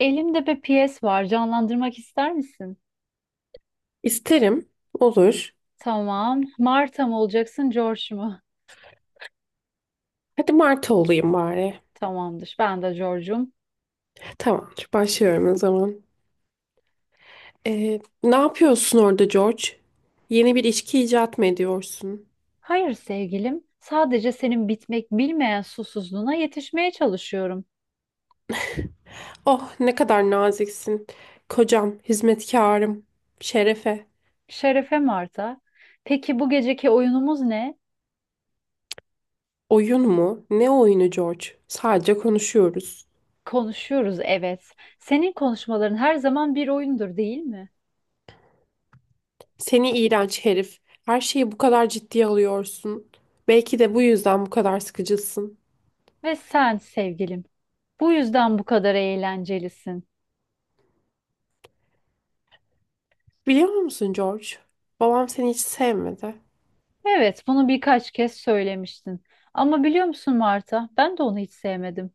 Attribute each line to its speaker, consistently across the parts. Speaker 1: Elimde bir piyes var. Canlandırmak ister misin?
Speaker 2: İsterim. Olur.
Speaker 1: Tamam. Marta mı olacaksın, George mu?
Speaker 2: Hadi Marta olayım bari.
Speaker 1: Tamamdır. Ben de George'um.
Speaker 2: Tamam, Başlıyorum o zaman. Ne yapıyorsun orada George? Yeni bir içki icat mı ediyorsun?
Speaker 1: Hayır sevgilim. Sadece senin bitmek bilmeyen susuzluğuna yetişmeye çalışıyorum.
Speaker 2: Oh ne kadar naziksin. Kocam, hizmetkarım, şerefe.
Speaker 1: Şerefe Marta. Peki bu geceki oyunumuz ne?
Speaker 2: Oyun mu? Ne oyunu George? Sadece konuşuyoruz.
Speaker 1: Konuşuyoruz, evet. Senin konuşmaların her zaman bir oyundur, değil mi?
Speaker 2: Seni iğrenç herif. Her şeyi bu kadar ciddiye alıyorsun. Belki de bu yüzden bu kadar sıkıcısın.
Speaker 1: Ve sen sevgilim. Bu yüzden bu kadar eğlencelisin.
Speaker 2: Biliyor musun George? Babam seni hiç sevmedi.
Speaker 1: Evet, bunu birkaç kez söylemiştin. Ama biliyor musun Marta, ben de onu hiç sevmedim.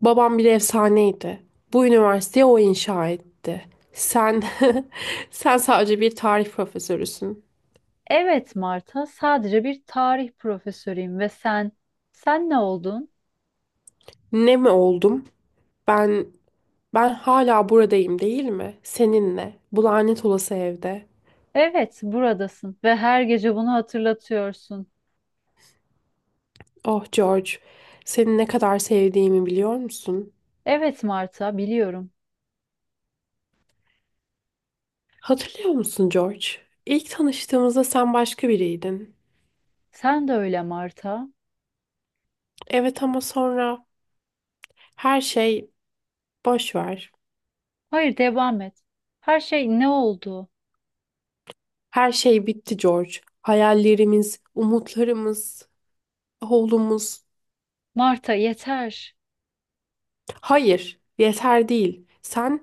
Speaker 2: Babam bir efsaneydi. Bu üniversiteyi o inşa etti. Sen sen sadece bir tarih profesörüsün.
Speaker 1: Evet Marta, sadece bir tarih profesörüyüm ve sen, sen ne oldun?
Speaker 2: Ne mi oldum? Ben ben hala buradayım değil mi? Seninle. Bu lanet olası evde.
Speaker 1: Evet, buradasın ve her gece bunu hatırlatıyorsun.
Speaker 2: Oh George, seni ne kadar sevdiğimi biliyor musun?
Speaker 1: Evet Marta, biliyorum.
Speaker 2: Hatırlıyor musun George? İlk tanıştığımızda sen başka biriydin.
Speaker 1: Sen de öyle Marta.
Speaker 2: Evet ama sonra her şey boş ver.
Speaker 1: Hayır, devam et. Her şey ne oldu?
Speaker 2: Her şey bitti George. Hayallerimiz, umutlarımız. Oğlumuz.
Speaker 1: Marta, yeter.
Speaker 2: Hayır, yeter değil. Sen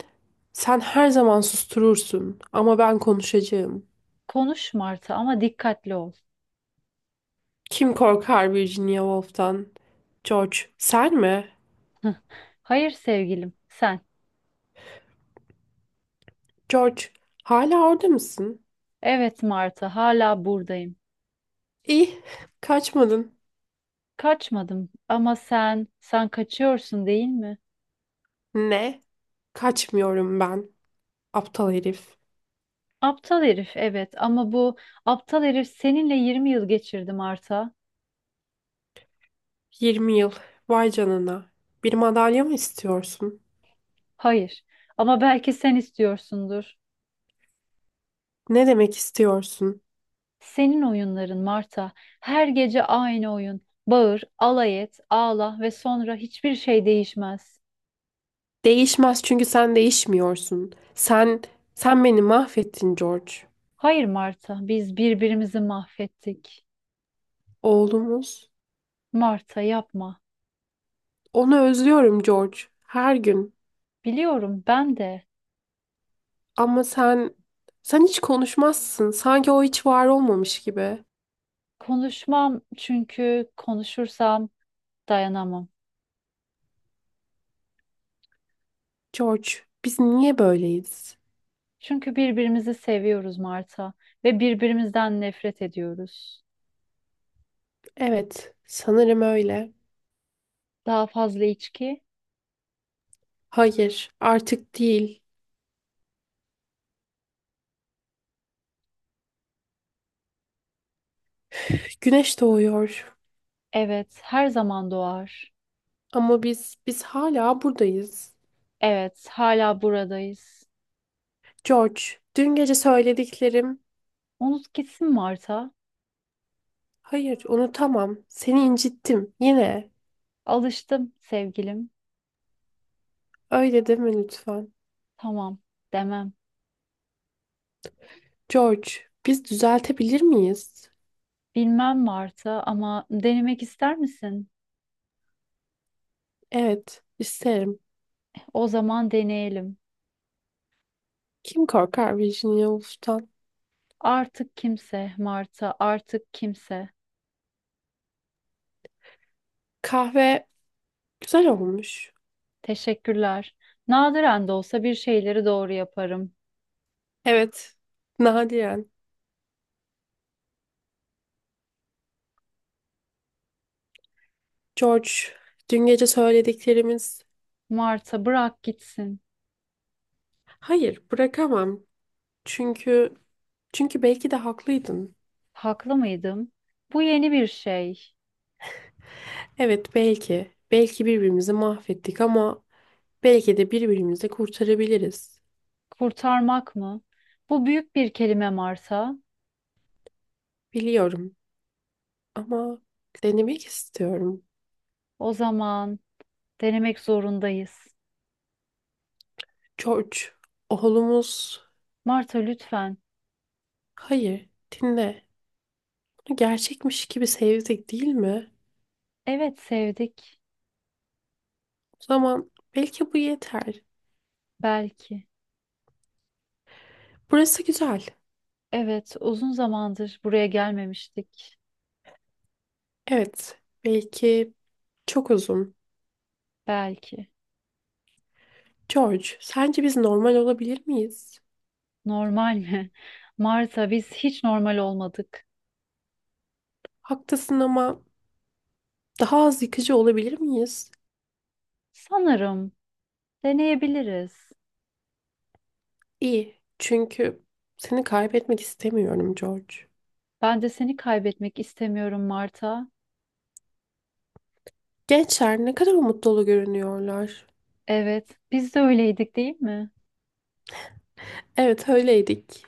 Speaker 2: sen her zaman susturursun ama ben konuşacağım.
Speaker 1: Konuş Marta ama dikkatli ol.
Speaker 2: Kim korkar Virginia Woolf'tan? George, sen mi?
Speaker 1: Hayır sevgilim, sen.
Speaker 2: George, hala orada mısın?
Speaker 1: Evet Marta, hala buradayım.
Speaker 2: İyi, kaçmadın.
Speaker 1: Kaçmadım ama sen, sen kaçıyorsun değil mi?
Speaker 2: Ne? Kaçmıyorum ben. Aptal herif.
Speaker 1: Aptal herif evet ama bu aptal herif seninle 20 yıl geçirdi Marta.
Speaker 2: Yirmi yıl. Vay canına. Bir madalya mı istiyorsun?
Speaker 1: Hayır ama belki sen istiyorsundur.
Speaker 2: Ne demek istiyorsun?
Speaker 1: Senin oyunların Marta. Her gece aynı oyun. Bağır, alay et, ağla ve sonra hiçbir şey değişmez.
Speaker 2: Değişmez çünkü sen değişmiyorsun. Sen beni mahvettin George.
Speaker 1: Hayır Marta, biz birbirimizi mahvettik.
Speaker 2: Oğlumuz.
Speaker 1: Marta yapma.
Speaker 2: Onu özlüyorum George. Her gün.
Speaker 1: Biliyorum ben de.
Speaker 2: Ama sen hiç konuşmazsın. Sanki o hiç var olmamış gibi.
Speaker 1: Konuşmam çünkü konuşursam dayanamam.
Speaker 2: George, biz niye böyleyiz?
Speaker 1: Çünkü birbirimizi seviyoruz Marta ve birbirimizden nefret ediyoruz.
Speaker 2: Evet, sanırım öyle.
Speaker 1: Daha fazla içki,
Speaker 2: Hayır, artık değil. Güneş doğuyor.
Speaker 1: evet, her zaman doğar.
Speaker 2: Ama biz hala buradayız.
Speaker 1: Evet, hala buradayız.
Speaker 2: George, dün gece söylediklerim.
Speaker 1: Unut gitsin Marta.
Speaker 2: Hayır, unutamam. Seni incittim. Yine.
Speaker 1: Alıştım sevgilim.
Speaker 2: Öyle deme lütfen.
Speaker 1: Tamam, demem.
Speaker 2: George, biz düzeltebilir miyiz?
Speaker 1: Bilmem Marta ama denemek ister misin?
Speaker 2: Evet, isterim.
Speaker 1: O zaman deneyelim.
Speaker 2: Kim korkar Virginia Woolf'tan?
Speaker 1: Artık kimse Marta, artık kimse.
Speaker 2: Kahve güzel olmuş.
Speaker 1: Teşekkürler. Nadiren de olsa bir şeyleri doğru yaparım.
Speaker 2: Evet, nadiren. George, dün gece söylediklerimiz...
Speaker 1: Marta bırak gitsin.
Speaker 2: Hayır, bırakamam. Çünkü çünkü belki de haklıydın.
Speaker 1: Haklı mıydım? Bu yeni bir şey.
Speaker 2: Evet, belki. Belki birbirimizi mahvettik ama belki de birbirimizi de kurtarabiliriz.
Speaker 1: Kurtarmak mı? Bu büyük bir kelime Marta.
Speaker 2: Biliyorum ama denemek istiyorum.
Speaker 1: O zaman denemek zorundayız.
Speaker 2: George, oğlumuz...
Speaker 1: Marta lütfen.
Speaker 2: Hayır, dinle. Onu gerçekmiş gibi sevdik, değil mi?
Speaker 1: Evet sevdik.
Speaker 2: Tamam. Belki bu yeter.
Speaker 1: Belki.
Speaker 2: Burası güzel.
Speaker 1: Evet uzun zamandır buraya gelmemiştik.
Speaker 2: Evet. Belki çok uzun.
Speaker 1: Belki.
Speaker 2: George, sence biz normal olabilir miyiz?
Speaker 1: Normal mi? Marta biz hiç normal olmadık.
Speaker 2: Haklısın ama daha az yıkıcı olabilir miyiz?
Speaker 1: Sanırım deneyebiliriz.
Speaker 2: İyi. Çünkü seni kaybetmek istemiyorum George.
Speaker 1: Ben de seni kaybetmek istemiyorum Marta.
Speaker 2: Gençler ne kadar umut dolu görünüyorlar.
Speaker 1: Evet, biz de öyleydik değil mi?
Speaker 2: Evet öyleydik.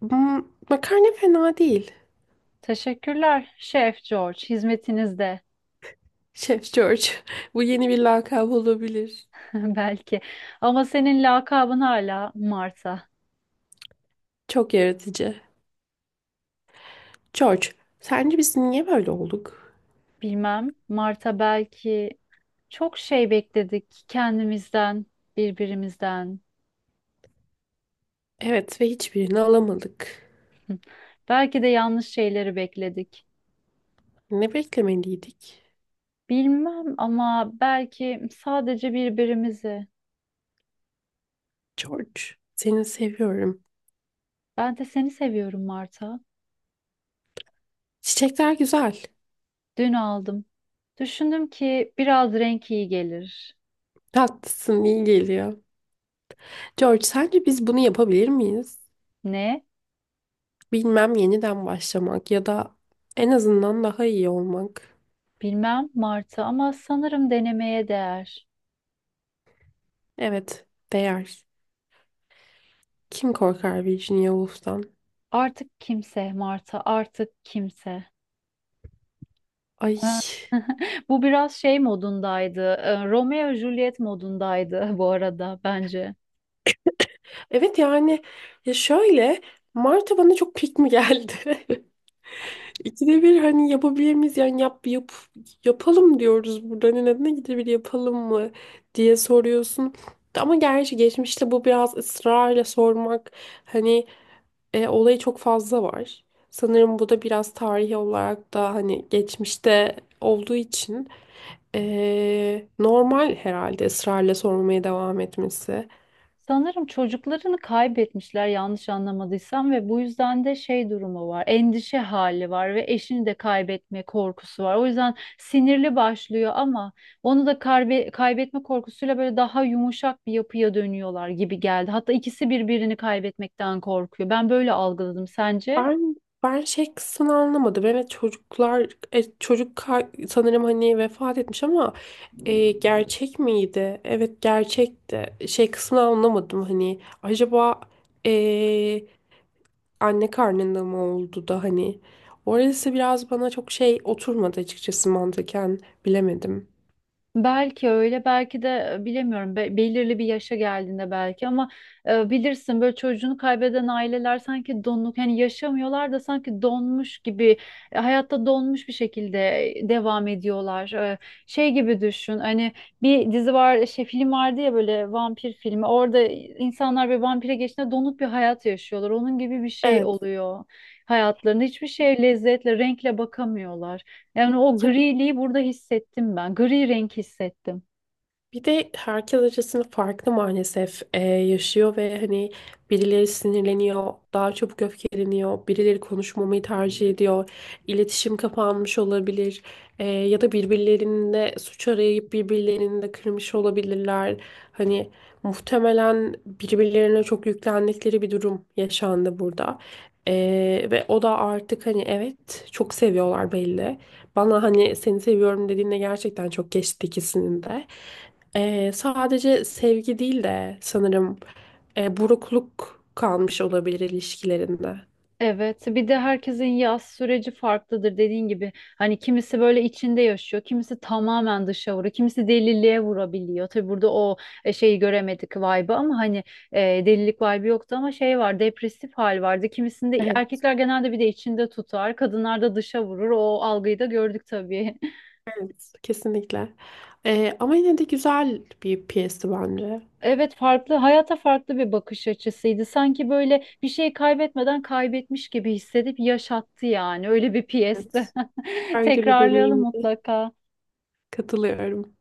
Speaker 2: Hmm, makarna fena değil.
Speaker 1: Teşekkürler Şef George, hizmetinizde
Speaker 2: Şef George. Bu yeni bir lakap olabilir.
Speaker 1: belki. Ama senin lakabın hala Marta.
Speaker 2: Çok yaratıcı. George, sence biz niye böyle olduk?
Speaker 1: Bilmem, Marta belki çok şey bekledik kendimizden, birbirimizden.
Speaker 2: Evet ve hiçbirini alamadık.
Speaker 1: Hı. Belki de yanlış şeyleri bekledik.
Speaker 2: Ne beklemeliydik?
Speaker 1: Bilmem ama belki sadece birbirimizi.
Speaker 2: George, seni seviyorum.
Speaker 1: Ben de seni seviyorum Marta.
Speaker 2: Çiçekler güzel.
Speaker 1: Dün aldım. Düşündüm ki biraz renk iyi gelir.
Speaker 2: Tatlısın, iyi geliyor. George, sence biz bunu yapabilir miyiz?
Speaker 1: Ne?
Speaker 2: Bilmem, yeniden başlamak ya da en azından daha iyi olmak.
Speaker 1: Bilmem Marta ama sanırım denemeye değer.
Speaker 2: Evet, değer. Kim korkar Virginia Woolf'tan?
Speaker 1: Artık kimse Marta, artık kimse.
Speaker 2: Ay.
Speaker 1: Ha. Bu biraz şey modundaydı. Romeo Juliet modundaydı bu arada bence.
Speaker 2: Evet yani ya şöyle, Marta bana çok pik mi geldi? İkide bir hani yapabilir miyiz yani yapalım diyoruz burada, hani neden ikide bir yapalım mı diye soruyorsun. Ama gerçi geçmişte bu biraz ısrarla sormak hani olayı çok fazla var. Sanırım bu da biraz tarihi olarak da hani geçmişte olduğu için normal herhalde ısrarla sormaya devam etmesi.
Speaker 1: Sanırım çocuklarını kaybetmişler yanlış anlamadıysam ve bu yüzden de şey durumu var. Endişe hali var ve eşini de kaybetme korkusu var. O yüzden sinirli başlıyor ama onu da kaybetme korkusuyla böyle daha yumuşak bir yapıya dönüyorlar gibi geldi. Hatta ikisi birbirini kaybetmekten korkuyor. Ben böyle algıladım. Sence?
Speaker 2: Ben ben şey kısmını anlamadım. Evet çocuklar sanırım hani vefat etmiş ama gerçek miydi? Evet gerçekti. Şey kısmını anlamadım hani acaba e, anne karnında mı oldu da hani orası biraz bana çok şey oturmadı açıkçası mantıken bilemedim.
Speaker 1: Belki öyle, belki de bilemiyorum. Belirli bir yaşa geldiğinde belki ama bilirsin böyle çocuğunu kaybeden aileler sanki donuk, hani yaşamıyorlar da sanki donmuş gibi, hayatta donmuş bir şekilde devam ediyorlar. Şey gibi düşün. Hani bir dizi var, şey film vardı ya böyle vampir filmi. Orada insanlar bir vampire geçtiğinde donuk bir hayat yaşıyorlar. Onun gibi bir şey
Speaker 2: Evet.
Speaker 1: oluyor hayatlarında. Hiçbir şeye lezzetle, renkle bakamıyorlar. Yani o griliği burada hissettim ben. Gri renk hissettim.
Speaker 2: Bir de herkes açısından farklı maalesef yaşıyor ve hani birileri sinirleniyor, daha çabuk öfkeleniyor, birileri konuşmamayı tercih ediyor, iletişim kapanmış olabilir, ya da birbirlerinde suç arayıp birbirlerini de kırmış olabilirler. Hani muhtemelen birbirlerine çok yüklendikleri bir durum yaşandı burada. E, ve o da artık hani evet çok seviyorlar belli. Bana hani seni seviyorum dediğinde gerçekten çok geçti ikisinin de. Sadece sevgi değil de sanırım burukluk kalmış olabilir ilişkilerinde.
Speaker 1: Evet, bir de herkesin yaz süreci farklıdır dediğin gibi. Hani kimisi böyle içinde yaşıyor, kimisi tamamen dışa vuruyor, kimisi deliliğe vurabiliyor. Tabii burada o şeyi göremedik vibe'ı ama hani e, delilik vibe'ı yoktu ama şey var, depresif hal vardı. Kimisinde
Speaker 2: Evet.
Speaker 1: erkekler genelde bir de içinde tutar, kadınlar da dışa vurur. O algıyı da gördük tabii.
Speaker 2: Evet, kesinlikle. Ama yine de güzel bir piyesti bence.
Speaker 1: Evet farklı hayata farklı bir bakış açısıydı. Sanki böyle bir şey kaybetmeden kaybetmiş gibi hissedip yaşattı yani. Öyle bir piyesti.
Speaker 2: Evet. Farklı bir
Speaker 1: Tekrarlayalım
Speaker 2: deneyim.
Speaker 1: mutlaka.
Speaker 2: Katılıyorum.